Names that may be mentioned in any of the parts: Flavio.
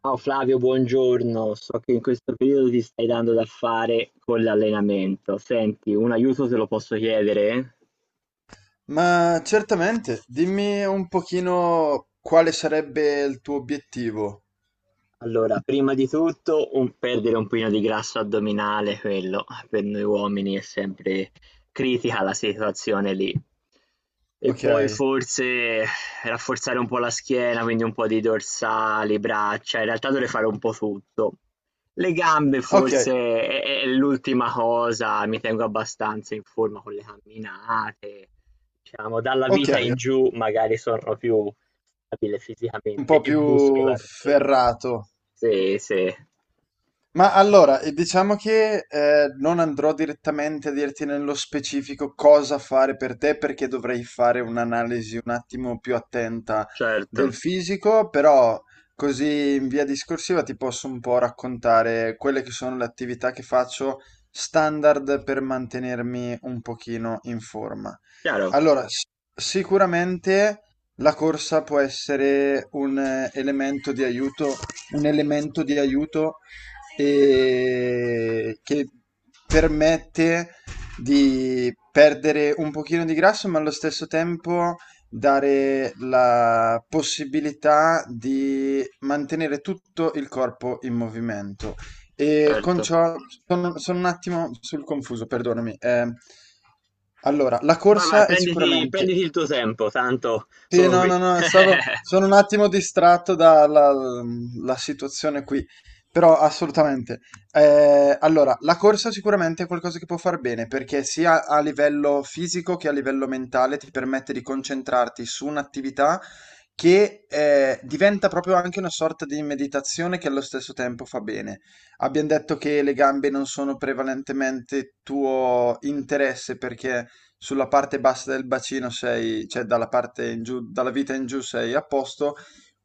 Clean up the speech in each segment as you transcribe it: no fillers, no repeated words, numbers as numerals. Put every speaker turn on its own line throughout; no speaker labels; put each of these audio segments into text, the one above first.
Ciao Flavio, buongiorno. So che in questo periodo ti stai dando da fare con l'allenamento. Senti, un aiuto te lo posso chiedere?
Ma certamente, dimmi un pochino quale sarebbe il tuo obiettivo.
Allora, prima di tutto un perdere un pochino di grasso addominale, quello per noi uomini è sempre critica la situazione lì. E
Ok,
poi forse rafforzare un po' la schiena, quindi un po' di dorsali, braccia, in realtà dovrei fare un po' tutto. Le gambe
ok,
forse è l'ultima cosa, mi tengo abbastanza in forma con le camminate, diciamo, dalla
ok,
vita in giù magari sono più abile
un
fisicamente
po'
e
più
muscolarmente.
ferrato.
Sì, sì,
Ma allora, diciamo che non andrò direttamente a dirti nello specifico cosa fare per te, perché dovrei fare un'analisi un attimo più attenta del
certo,
fisico, però così in via discorsiva ti posso un po' raccontare quelle che sono le attività che faccio standard per mantenermi un pochino in forma.
chiaro,
Allora, sicuramente la corsa può essere un elemento di aiuto, un elemento di aiuto che permette di perdere un pochino di grasso, ma allo stesso tempo dare la possibilità di mantenere tutto il corpo in movimento. E con
certo.
ciò sono un attimo sul confuso, perdonami. Allora, la
Vai, vai,
corsa è
prenditi,
sicuramente
prenditi il tuo tempo, tanto
sì,
sono
no,
qui.
no, no, stavo, sono un attimo distratto dalla la situazione qui, però assolutamente. Allora, la corsa sicuramente è qualcosa che può far bene, perché sia a livello fisico che a livello mentale ti permette di concentrarti su un'attività che diventa proprio anche una sorta di meditazione che allo stesso tempo fa bene. Abbiamo detto che le gambe non sono prevalentemente tuo interesse perché sulla parte bassa del bacino sei, cioè dalla parte in giù, dalla vita in giù sei a posto,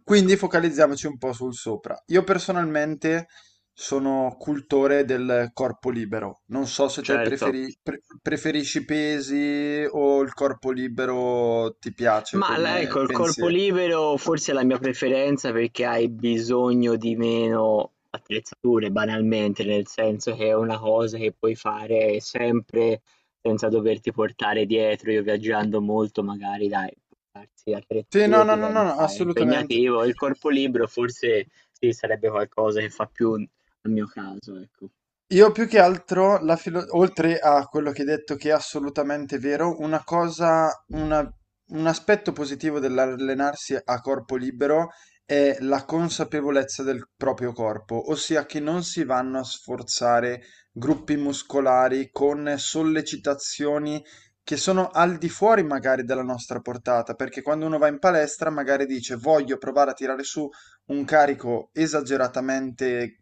quindi focalizziamoci un po' sul sopra. Io personalmente sono cultore del corpo libero, non so se te
Certo.
preferisci i pesi o il corpo libero ti piace
Ma la
come
ecco, il corpo
pensiero.
libero forse è la mia preferenza perché hai bisogno di meno attrezzature banalmente, nel senso che è una cosa che puoi fare sempre senza doverti portare dietro. Io viaggiando molto magari dai, portarsi
Sì, no,
attrezzature
no, no, no, no,
diventa
assolutamente.
impegnativo. Il corpo libero forse sì, sarebbe qualcosa che fa più al mio caso, ecco.
Io più che altro, oltre a quello che hai detto che è assolutamente vero, un aspetto positivo dell'allenarsi a corpo libero è la consapevolezza del proprio corpo, ossia che non si vanno a sforzare gruppi muscolari con sollecitazioni che sono al di fuori magari della nostra portata, perché quando uno va in palestra magari dice voglio provare a tirare su un carico esageratamente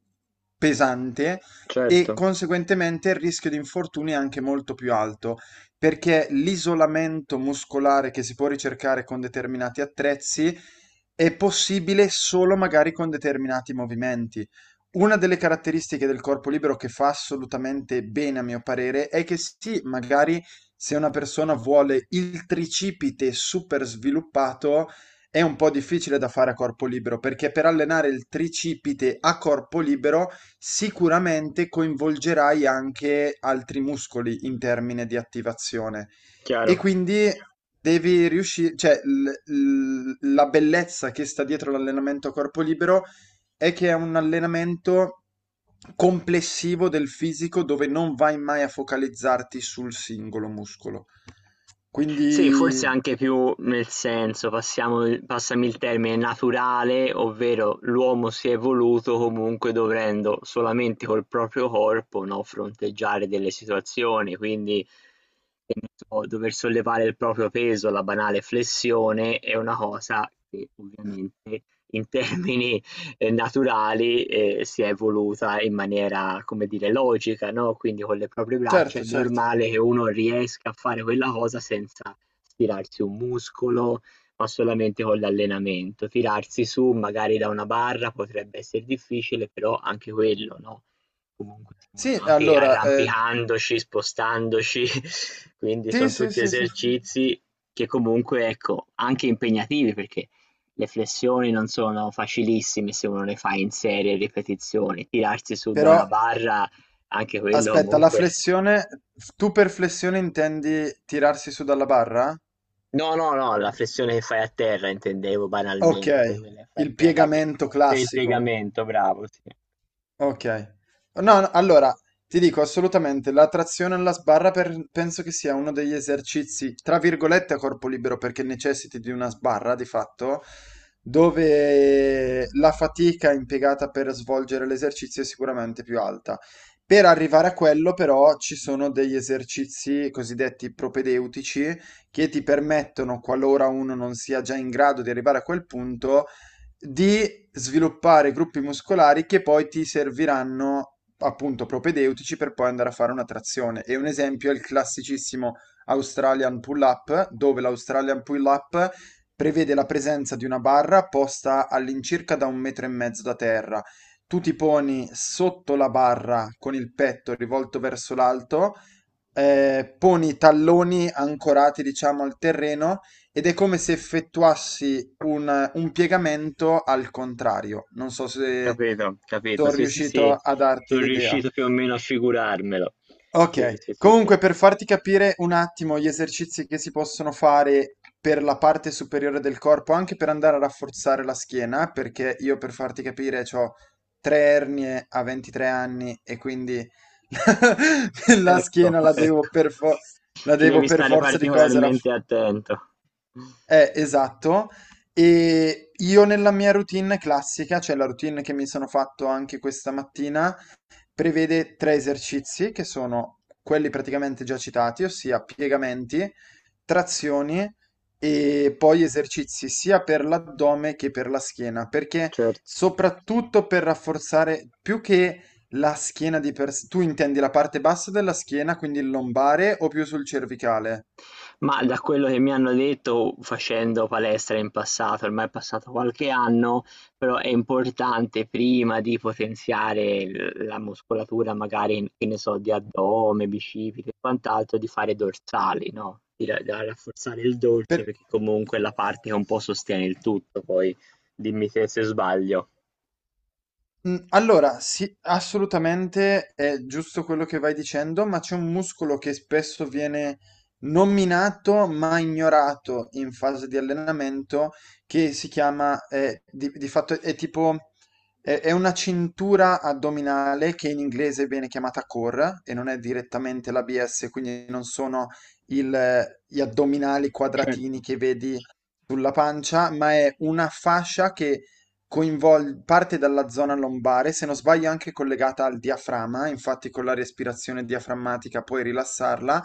pesante e
Certo,
conseguentemente il rischio di infortuni è anche molto più alto perché l'isolamento muscolare che si può ricercare con determinati attrezzi è possibile solo magari con determinati movimenti. Una delle caratteristiche del corpo libero che fa assolutamente bene, a mio parere, è che sì, magari se una persona vuole il tricipite super sviluppato, è un po' difficile da fare a corpo libero, perché per allenare il tricipite a corpo libero sicuramente coinvolgerai anche altri muscoli in termine di attivazione e
chiaro.
quindi devi riuscire, cioè la bellezza che sta dietro l'allenamento a corpo libero è che è un allenamento complessivo del fisico dove non vai mai a focalizzarti sul singolo muscolo.
Sì,
Quindi,
forse anche più nel senso, passiamo il passami il termine, naturale, ovvero l'uomo si è evoluto comunque dovendo solamente col proprio corpo, no, fronteggiare delle situazioni, quindi che ne so, dover sollevare il proprio peso, la banale flessione, è una cosa che ovviamente in termini naturali, si è evoluta in maniera, come dire, logica, no, quindi con le proprie braccia è
certo, certo.
normale che uno riesca a fare quella cosa senza stirarsi un muscolo, ma solamente con l'allenamento. Tirarsi su magari da una barra potrebbe esser difficile, però anche quello, no, comunque siamo
Sì,
nati
allora,
arrampicandoci, spostandoci, quindi
sì,
son
sì,
tutti
sì, sì.
esercizi che comunque, ecco, anche impegnativi perché le flessioni non sono facilissime se uno le fa in serie ripetizioni, tirarsi su da
Però
una barra anche quello
aspetta, la
comunque.
flessione, tu per flessione intendi tirarsi su dalla barra?
No, no, no, la flessione che fai a terra intendevo
Ok,
banalmente, quella che fai a
il
terra che
piegamento
sei il
classico.
piegamento, bravo, sì.
Ok. No, no, allora, ti dico assolutamente, la trazione alla sbarra penso che sia uno degli esercizi, tra virgolette, a corpo libero, perché necessiti di una sbarra, di fatto, dove la fatica impiegata per svolgere l'esercizio è sicuramente più alta. Per arrivare a quello, però, ci sono degli esercizi cosiddetti propedeutici che ti permettono, qualora uno non sia già in grado di arrivare a quel punto, di sviluppare gruppi muscolari che poi ti serviranno appunto propedeutici per poi andare a fare una trazione. E un esempio è il classicissimo Australian pull-up, dove l'Australian pull-up prevede la presenza di una barra posta all'incirca da un metro e mezzo da terra. Tu ti poni sotto la barra con il petto rivolto verso l'alto, poni i talloni ancorati, diciamo, al terreno ed è come se effettuassi un piegamento al contrario. Non so se
Capito, capito.
sono
Sì, sì,
riuscito
sì.
a darti
Sono
l'idea.
riuscito più o meno a figurarmelo. Sì, sì,
Ok,
sì, sì.
comunque per farti capire un attimo gli esercizi che si possono fare per la parte superiore del corpo, anche per andare a rafforzare la schiena, perché io per farti capire ho 3 ernie a 23 anni e quindi la
Ecco,
schiena
ecco.
la
Ci
devo
devi
per
stare
forza di cose
particolarmente attento.
eh, esatto. E io nella mia routine classica, cioè la routine che mi sono fatto anche questa mattina, prevede 3 esercizi che sono quelli praticamente già citati, ossia piegamenti, trazioni e poi esercizi sia per l'addome che per la schiena, perché
Certo.
soprattutto per rafforzare più che la schiena di per sé, tu intendi la parte bassa della schiena, quindi il lombare o più sul cervicale?
Ma da quello che mi hanno detto facendo palestra in passato, ormai è passato qualche anno, però è importante prima di potenziare la muscolatura magari, che ne so, di addome, bicipiti e quant'altro, di fare dorsali, no? Di da rafforzare il dorso
Per-
perché comunque è la parte che un po' sostiene il tutto, poi dimmi te se sbaglio.
Allora sì, assolutamente è giusto quello che vai dicendo, ma c'è un muscolo che spesso viene nominato, ma ignorato in fase di allenamento che si chiama, di fatto è tipo è una cintura addominale che in inglese viene chiamata core e non è direttamente l'ABS, quindi non sono il gli addominali quadratini
Certo.
che vedi sulla pancia, ma è una fascia che parte dalla zona lombare, se non sbaglio anche collegata al diaframma, infatti con la respirazione diaframmatica puoi rilassarla,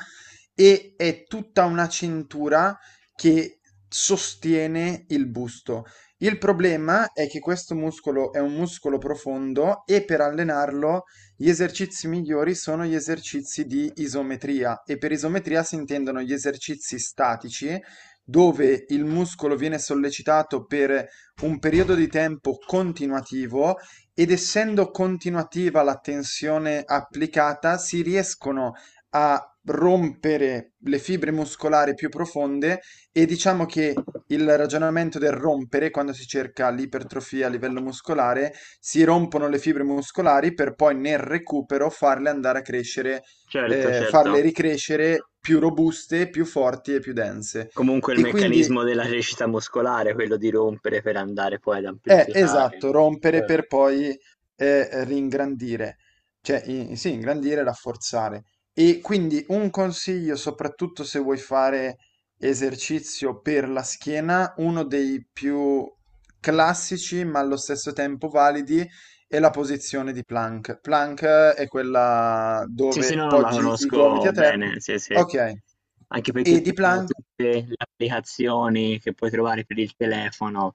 e è tutta una cintura che sostiene il busto. Il problema è che questo muscolo è un muscolo profondo e per allenarlo gli esercizi migliori sono gli esercizi di isometria e per isometria si intendono gli esercizi statici dove il muscolo viene sollecitato per un periodo di tempo continuativo ed essendo continuativa la tensione applicata, si riescono a rompere le fibre muscolari più profonde e diciamo che il ragionamento del rompere, quando si cerca l'ipertrofia a livello muscolare, si rompono le fibre muscolari per poi nel recupero farle andare a crescere,
Certo, certo.
farle ricrescere più robuste, più forti e più dense.
Comunque il
E quindi
meccanismo della crescita muscolare, quello di rompere per andare poi ad
eh,
amplificare,
esatto,
no?
rompere
Certo.
per poi ringrandire, sì, ingrandire, rafforzare. E quindi un consiglio, soprattutto se vuoi fare esercizio per la schiena, uno dei più classici ma allo stesso tempo validi è la posizione di plank. Plank è quella
Sì, sì,
dove
no, no, la
poggi i gomiti
conosco
a terra.
bene, sì, sì.
Ok.
Anche
E
perché
di
più o meno
plank?
tutte le applicazioni che puoi trovare per il telefono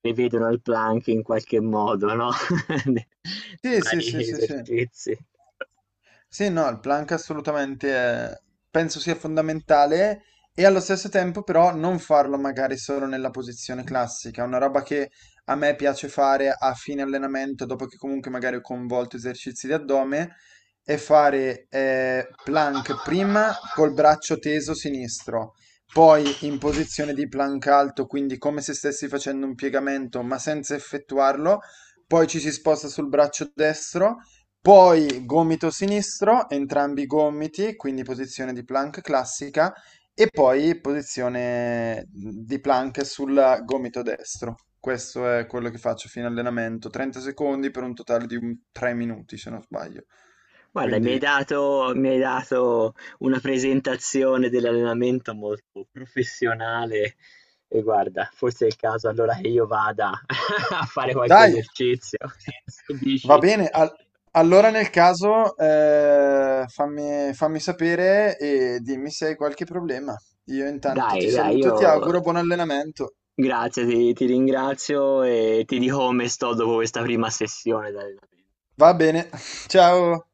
prevedono il plank in qualche modo, no? Di di
Sì, sì, sì,
vari
sì, sì.
esercizi.
Sì, no, il plank assolutamente eh, penso sia fondamentale e allo stesso tempo però non farlo magari solo nella posizione classica, una roba che a me piace fare a fine allenamento, dopo che comunque magari ho convolto esercizi di addome, è fare plank prima col braccio teso sinistro, poi in posizione di plank alto, quindi come se stessi facendo un piegamento ma senza effettuarlo, poi ci si sposta sul braccio destro poi gomito sinistro, entrambi i gomiti, quindi posizione di plank classica e poi posizione di plank sul gomito destro. Questo è quello che faccio fino all'allenamento, 30 secondi per un totale di 3 minuti se non sbaglio.
Guarda, mi hai
Quindi
dato, mi hai dato una presentazione dell'allenamento molto professionale e guarda, forse è il caso allora che io vada a fare qualche
dai,
esercizio. Che
va
dici?
bene. Allora nel caso fammi sapere e dimmi se hai qualche problema. Io intanto ti
Dai, dai,
saluto e ti
io
auguro buon allenamento.
grazie, ti ringrazio e ti dico come sto dopo questa prima sessione di allenamento.
Va bene, ciao!